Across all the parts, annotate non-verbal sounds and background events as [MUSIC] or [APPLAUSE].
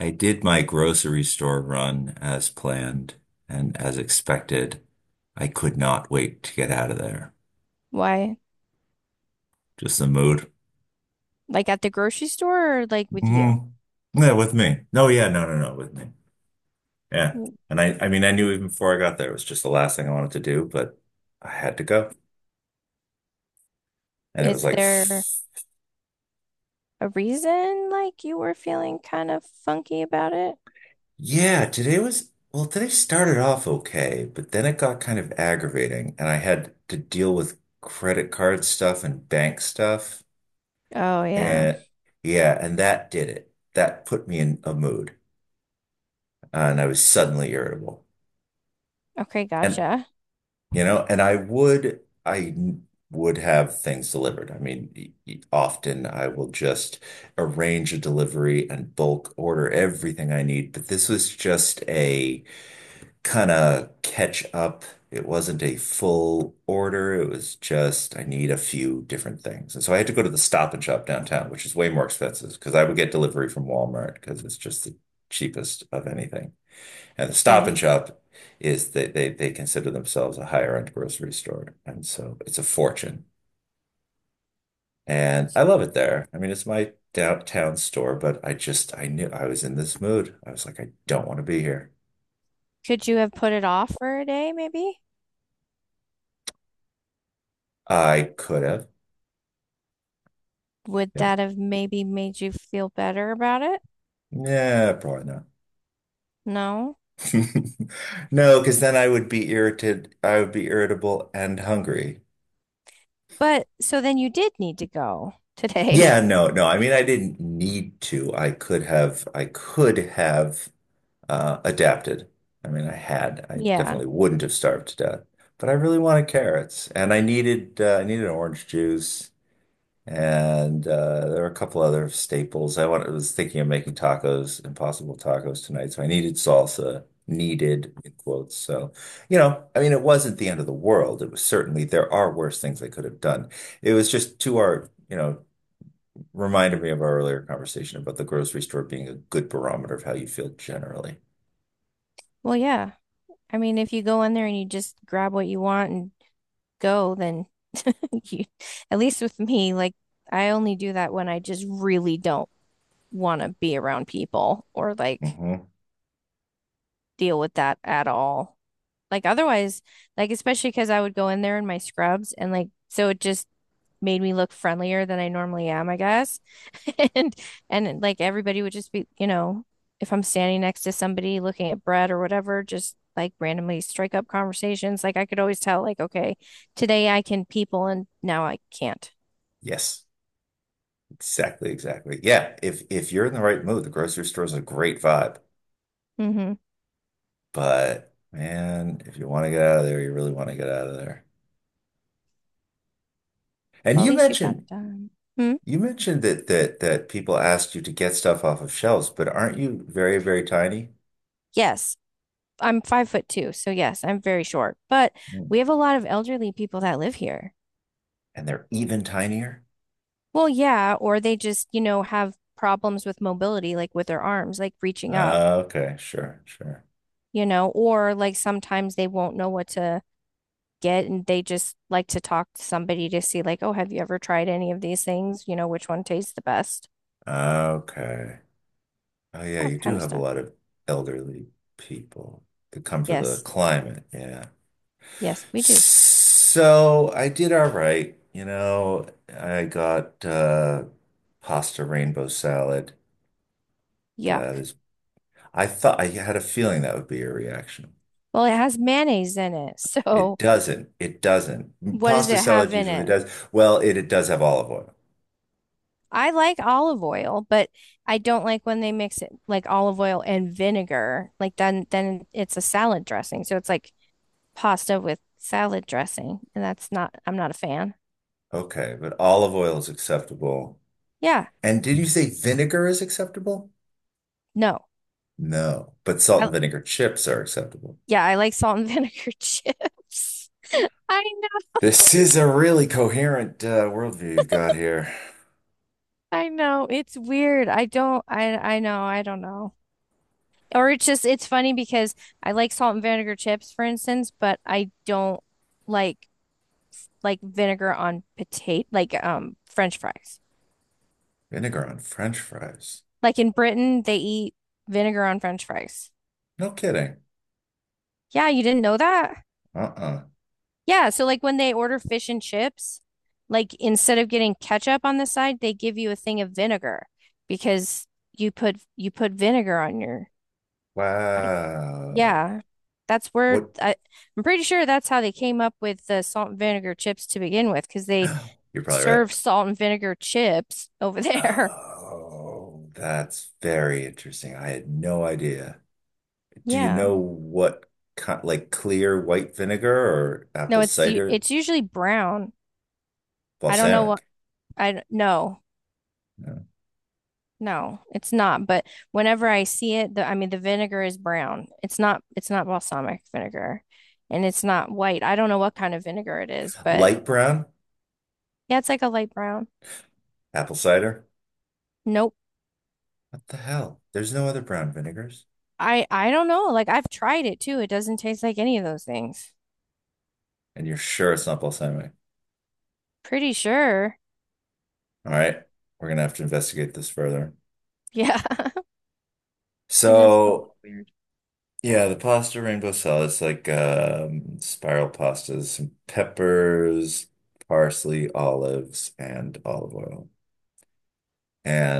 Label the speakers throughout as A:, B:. A: I did my grocery store run as planned and as expected. I could not wait to get out of there.
B: Why?
A: Just the mood.
B: Like at the grocery store or like with you?
A: Hmm. Yeah, with me. No, yeah, no, no, no, with me. Yeah.
B: W-
A: And I mean, I knew even before I got there, it was just the last thing I wanted to do, but I had to go. And it was
B: Is
A: like,
B: there a reason like you were feeling kind of funky about it?
A: yeah, well, today started off okay, but then it got kind of aggravating and I had to deal with credit card stuff and bank stuff.
B: Oh, yeah.
A: And yeah, and that did it. That put me in a mood, and I was suddenly irritable.
B: Okay,
A: And
B: gotcha.
A: and I would have things delivered. I mean, often I will just arrange a delivery and bulk order everything I need, but this was just a kind of catch up. It wasn't a full order. It was just I need a few different things. And so I had to go to the Stop and Shop downtown, which is way more expensive because I would get delivery from Walmart because it's just the cheapest of anything. And the Stop and
B: Okay.
A: Shop is they consider themselves a higher end grocery store. And so it's a fortune. And I love it there. I mean, it's my downtown store, but I knew I was in this mood. I was like, I don't want to be here.
B: Could you have put it off for a day, maybe?
A: I could have.
B: Would
A: Yep.
B: that have maybe made you feel better about it?
A: Yeah, probably not.
B: No.
A: [LAUGHS] No, because then I would be irritated. I would be irritable and hungry.
B: But so then you did need to go today.
A: Yeah,
B: [LAUGHS]
A: no, no. I mean, I didn't need to. I could have. I could have adapted. I mean, I had. I
B: Yeah.
A: definitely wouldn't have starved to death. But I really wanted carrots, and I needed. I needed orange juice. And there are a couple other staples. I was thinking of making tacos, impossible tacos tonight. So I needed salsa, needed in quotes. So, I mean, it wasn't the end of the world. It was certainly, there are worse things I could have done. It was just to our, reminded me of our earlier conversation about the grocery store being a good barometer of how you feel generally.
B: Well, yeah. I mean, if you go in there and you just grab what you want and go, then [LAUGHS] you, at least with me, like I only do that when I just really don't want to be around people or like
A: Hmm.
B: deal with that at all. Like otherwise, like especially because I would go in there in my scrubs and like so it just made me look friendlier than I normally am, I guess. [LAUGHS] And like everybody would just be, you know, if I'm standing next to somebody looking at bread or whatever, just like randomly strike up conversations. Like I could always tell, like, okay, today I can people and now I can't.
A: Yes, exactly, exactly. Yeah, if you're in the right mood, the grocery store is a great vibe.
B: Mm-hmm.
A: But man, if you want to get out of there, you really want to get out of there. And
B: Well, at
A: you
B: least you got
A: mentioned
B: it done. Hmm?
A: you mentioned that that people asked you to get stuff off of shelves, but aren't you very, very tiny?
B: Yes. I'm 5'2", so yes, I'm very short. But
A: Mm.
B: we have a lot of elderly people that live here.
A: And they're even tinier?
B: Well, yeah, or they just, you know, have problems with mobility, like with their arms, like reaching up.
A: Okay, sure, sure.
B: You know, or like sometimes they won't know what to get and they just like to talk to somebody to see, like, oh, have you ever tried any of these things? You know, which one tastes the best?
A: Okay. Oh yeah,
B: That
A: you
B: kind
A: do
B: of
A: have a
B: stuff.
A: lot of elderly people that come for the
B: Yes.
A: climate, yeah.
B: Yes, we do.
A: So I did all right. You know, I got pasta rainbow salad. That
B: Yuck.
A: is I thought I had a feeling that would be your reaction.
B: Well, it has mayonnaise in it. [LAUGHS] So
A: It doesn't. It doesn't.
B: what does
A: Pasta
B: it have
A: salad
B: in
A: usually
B: it?
A: does. Well, it does have olive oil.
B: I like olive oil, but I don't like when they mix it like olive oil and vinegar. Like then it's a salad dressing. So it's like pasta with salad dressing, and that's not I'm not a fan.
A: Okay, but olive oil is acceptable.
B: Yeah.
A: And did you say vinegar is acceptable?
B: No.
A: No, but salt
B: I
A: and vinegar chips are acceptable.
B: Yeah, I like salt and vinegar [LAUGHS] chips. I know,
A: This is a really coherent worldview you've got here.
B: It's weird. I know, I don't know. Or it's just, it's funny because I like salt and vinegar chips, for instance, but I don't like vinegar on potato, like French fries.
A: Vinegar on French fries.
B: Like in Britain, they eat vinegar on French fries.
A: No kidding.
B: Yeah, you didn't know that?
A: Uh-uh.
B: Yeah, so like when they order fish and chips, like instead of getting ketchup on the side, they give you a thing of vinegar because you put vinegar on your on,
A: Wow.
B: yeah. That's where
A: What?
B: I, I'm pretty sure that's how they came up with the salt and vinegar chips to begin with because they
A: [GASPS] You're probably right.
B: serve salt and vinegar chips over [LAUGHS] there.
A: Oh, that's very interesting. I had no idea. Do you
B: Yeah.
A: know what kind, like clear white vinegar or
B: No,
A: apple cider
B: it's usually brown. I don't know what
A: balsamic?
B: I don't know.
A: No.
B: No, it's not. But whenever I see it, the I mean the vinegar is brown. It's not balsamic vinegar and it's not white. I don't know what kind of vinegar it is, but
A: Light brown
B: yeah, it's like a light brown.
A: apple cider?
B: Nope.
A: What the hell? There's no other brown vinegars.
B: I don't know. Like I've tried it too. It doesn't taste like any of those things.
A: And you're sure it's not balsamic.
B: Pretty sure.
A: All right. We're gonna have to investigate this further.
B: Yeah, [LAUGHS] it is.
A: So, yeah, the pasta rainbow salad is like spiral pastas, some peppers, parsley, olives, and olive oil.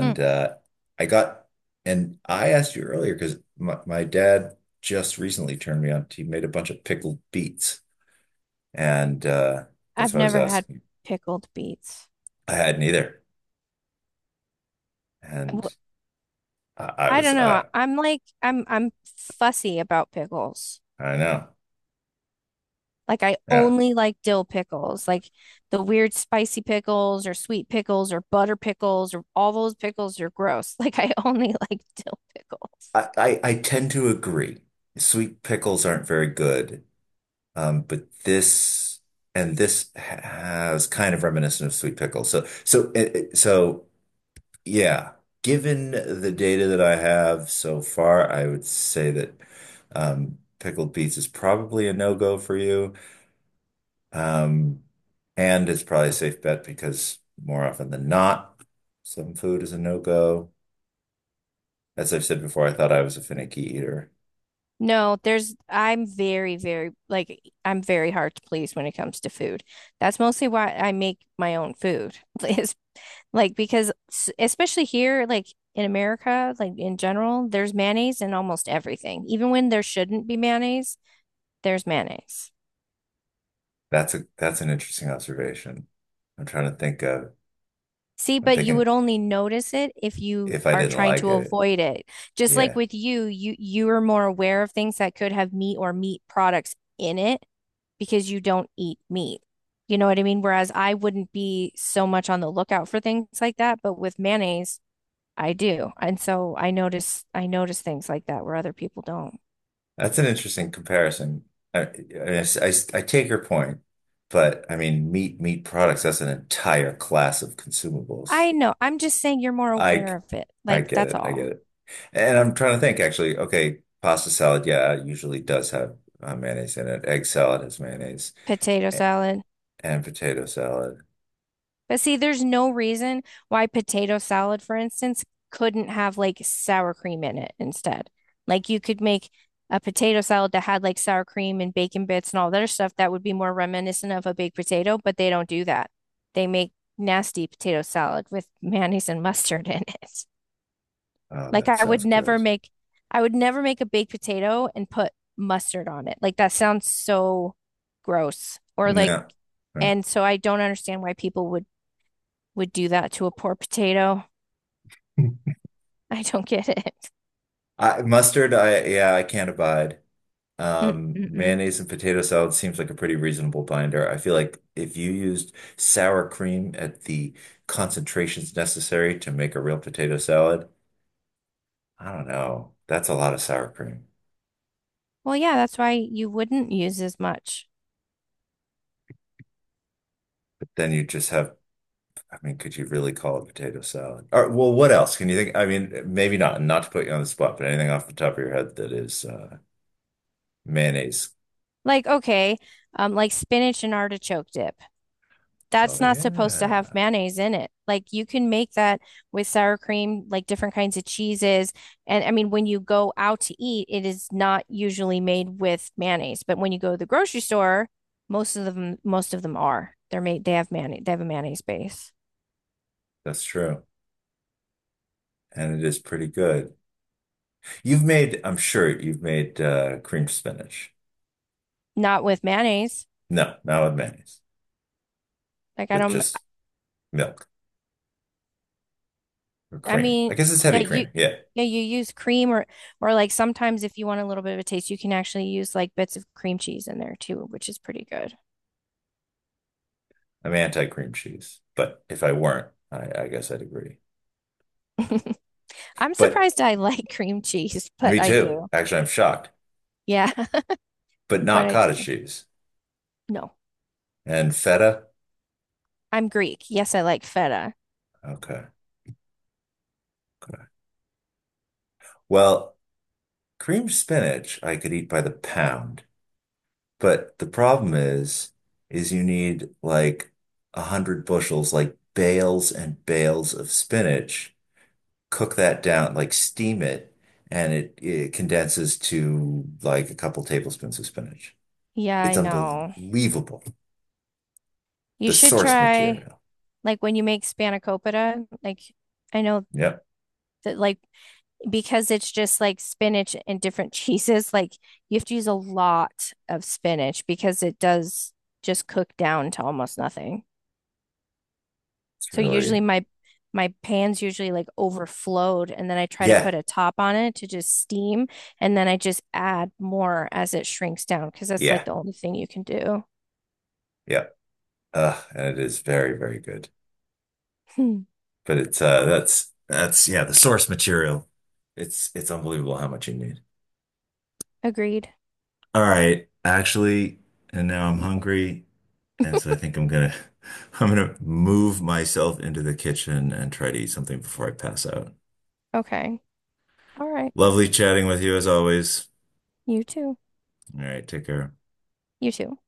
B: Mm.
A: uh, I got, and I asked you earlier because my dad just recently turned me on. He made a bunch of pickled beets, and that's
B: I've
A: what I was
B: never had
A: asking you.
B: pickled beets.
A: I hadn't either,
B: W-
A: and I, I
B: I don't
A: was,
B: know.
A: I,
B: I'm fussy about pickles.
A: I know,
B: Like I
A: yeah.
B: only like dill pickles, like the weird spicy pickles or sweet pickles or butter pickles or all those pickles are gross. [LAUGHS] Like I only [LAUGHS] like dill
A: I,
B: pickles.
A: I, I tend to agree. Sweet pickles aren't very good, but this and this has kind of reminiscent of sweet pickles. Yeah, given the data that I have so far, I would say that pickled beets is probably a no-go for you. Um, and it's probably a safe bet because more often than not, some food is a no-go. As I've said before, I thought I was a finicky eater.
B: No, there's I'm very, very like I'm very hard to please when it comes to food. That's mostly why I make my own food. [LAUGHS] Is like because especially here, like in America, like in general, there's mayonnaise in almost everything. Even when there shouldn't be mayonnaise, there's mayonnaise.
A: That's an interesting observation. I'm trying to think of,
B: See,
A: I'm
B: but you
A: thinking
B: would only notice it if you
A: if I
B: are
A: didn't
B: trying
A: like
B: to
A: it.
B: avoid it. Just like
A: Yeah.
B: with you, you are more aware of things that could have meat or meat products in it because you don't eat meat. You know what I mean? Whereas I wouldn't be so much on the lookout for things like that, but with mayonnaise, I do. And so I notice things like that where other people don't.
A: That's an interesting comparison. I I I- I take your point, but I mean, meat products, that's an entire class of consumables.
B: I know. I'm just saying you're more aware
A: I
B: of it.
A: I
B: Like
A: get
B: that's
A: it. I get
B: all.
A: it. And I'm trying to think actually, okay, pasta salad, yeah, it usually does have mayonnaise in it. Egg salad has mayonnaise
B: Potato
A: and,
B: salad.
A: and potato salad.
B: But see, there's no reason why potato salad, for instance, couldn't have like sour cream in it instead. Like you could make a potato salad that had like sour cream and bacon bits and all that other stuff that would be more reminiscent of a baked potato, but they don't do that. They make nasty potato salad with [LAUGHS] mayonnaise and mustard in it.
A: Oh,
B: Like
A: that sounds good.
B: I would never make a baked potato and put mustard on it. Like that sounds so gross. Or like
A: No. No.
B: and so I don't understand why people would do that to a poor potato.
A: [LAUGHS]
B: [LAUGHS] I don't get it.
A: Mustard, I can't abide.
B: Mm-mm-mm.
A: Mayonnaise and potato salad seems like a pretty reasonable binder. I feel like if you used sour cream at the concentrations necessary to make a real potato salad, I don't know. That's a lot of sour cream.
B: Well, yeah, that's why you wouldn't use as much.
A: But then you just have, I mean, could you really call it potato salad? Or, well, what else can you think? I mean, maybe not, not to put you on the spot, but anything off the top of your head that is mayonnaise.
B: Like, okay, like spinach and artichoke dip. That's
A: Oh,
B: not supposed to have
A: yeah,
B: mayonnaise in it. Like, you can make that with sour cream, like different kinds of cheeses. And I mean, when you go out to eat, it is not usually made with mayonnaise. But when you go to the grocery store, most of them are. They have mayonnaise, they have a mayonnaise base.
A: that's true. And it is pretty good. I'm sure you've made cream spinach.
B: Not with mayonnaise.
A: No, not with mayonnaise,
B: Like, I
A: with
B: don't,
A: just milk or
B: I
A: cream.
B: mean,
A: I guess it's
B: yeah,
A: heavy
B: you
A: cream. Yeah.
B: yeah, you use cream or like sometimes if you want a little bit of a taste, you can actually use like bits of cream cheese in there too, which is pretty good.
A: I'm anti-cream cheese. But if I weren't, I guess I'd agree.
B: [LAUGHS] I'm
A: But
B: surprised I like [LAUGHS] cream cheese, but
A: me
B: I
A: too.
B: do.
A: Actually, I'm shocked.
B: Yeah, [LAUGHS]
A: But
B: but
A: not
B: I
A: cottage
B: do.
A: cheese
B: No,
A: and feta.
B: I'm Greek. Yes, I like feta.
A: Okay. Okay. Well, cream spinach I could eat by the pound. But the problem is you need like 100 bushels, like bales and bales of spinach cook that down, like steam it, and it condenses to like a couple tablespoons of spinach.
B: Yeah, I
A: It's
B: know.
A: unbelievable.
B: You
A: The
B: should
A: source
B: try
A: material.
B: like when you make spanakopita, like I know
A: Yep.
B: that like because it's just like spinach and different [LAUGHS] cheeses, like you have to use a lot of spinach because it does just cook down to almost nothing.
A: It's
B: So usually
A: really,
B: my pans usually like overflowed and then I try to
A: yeah,
B: put a top on it to just steam and then I just add more as it shrinks down because that's like
A: yeah,
B: the only thing you can do.
A: yep. And it is very, very good.
B: Hmm.
A: But it's that's, yeah, the source material. It's unbelievable how much you need.
B: Agreed.
A: All right, actually, and now I'm hungry, and so I think I'm gonna [LAUGHS] I'm gonna move myself into the kitchen and try to eat something before I pass out.
B: Okay. All right.
A: Lovely chatting with you as always.
B: You too.
A: All right, take care.
B: You too.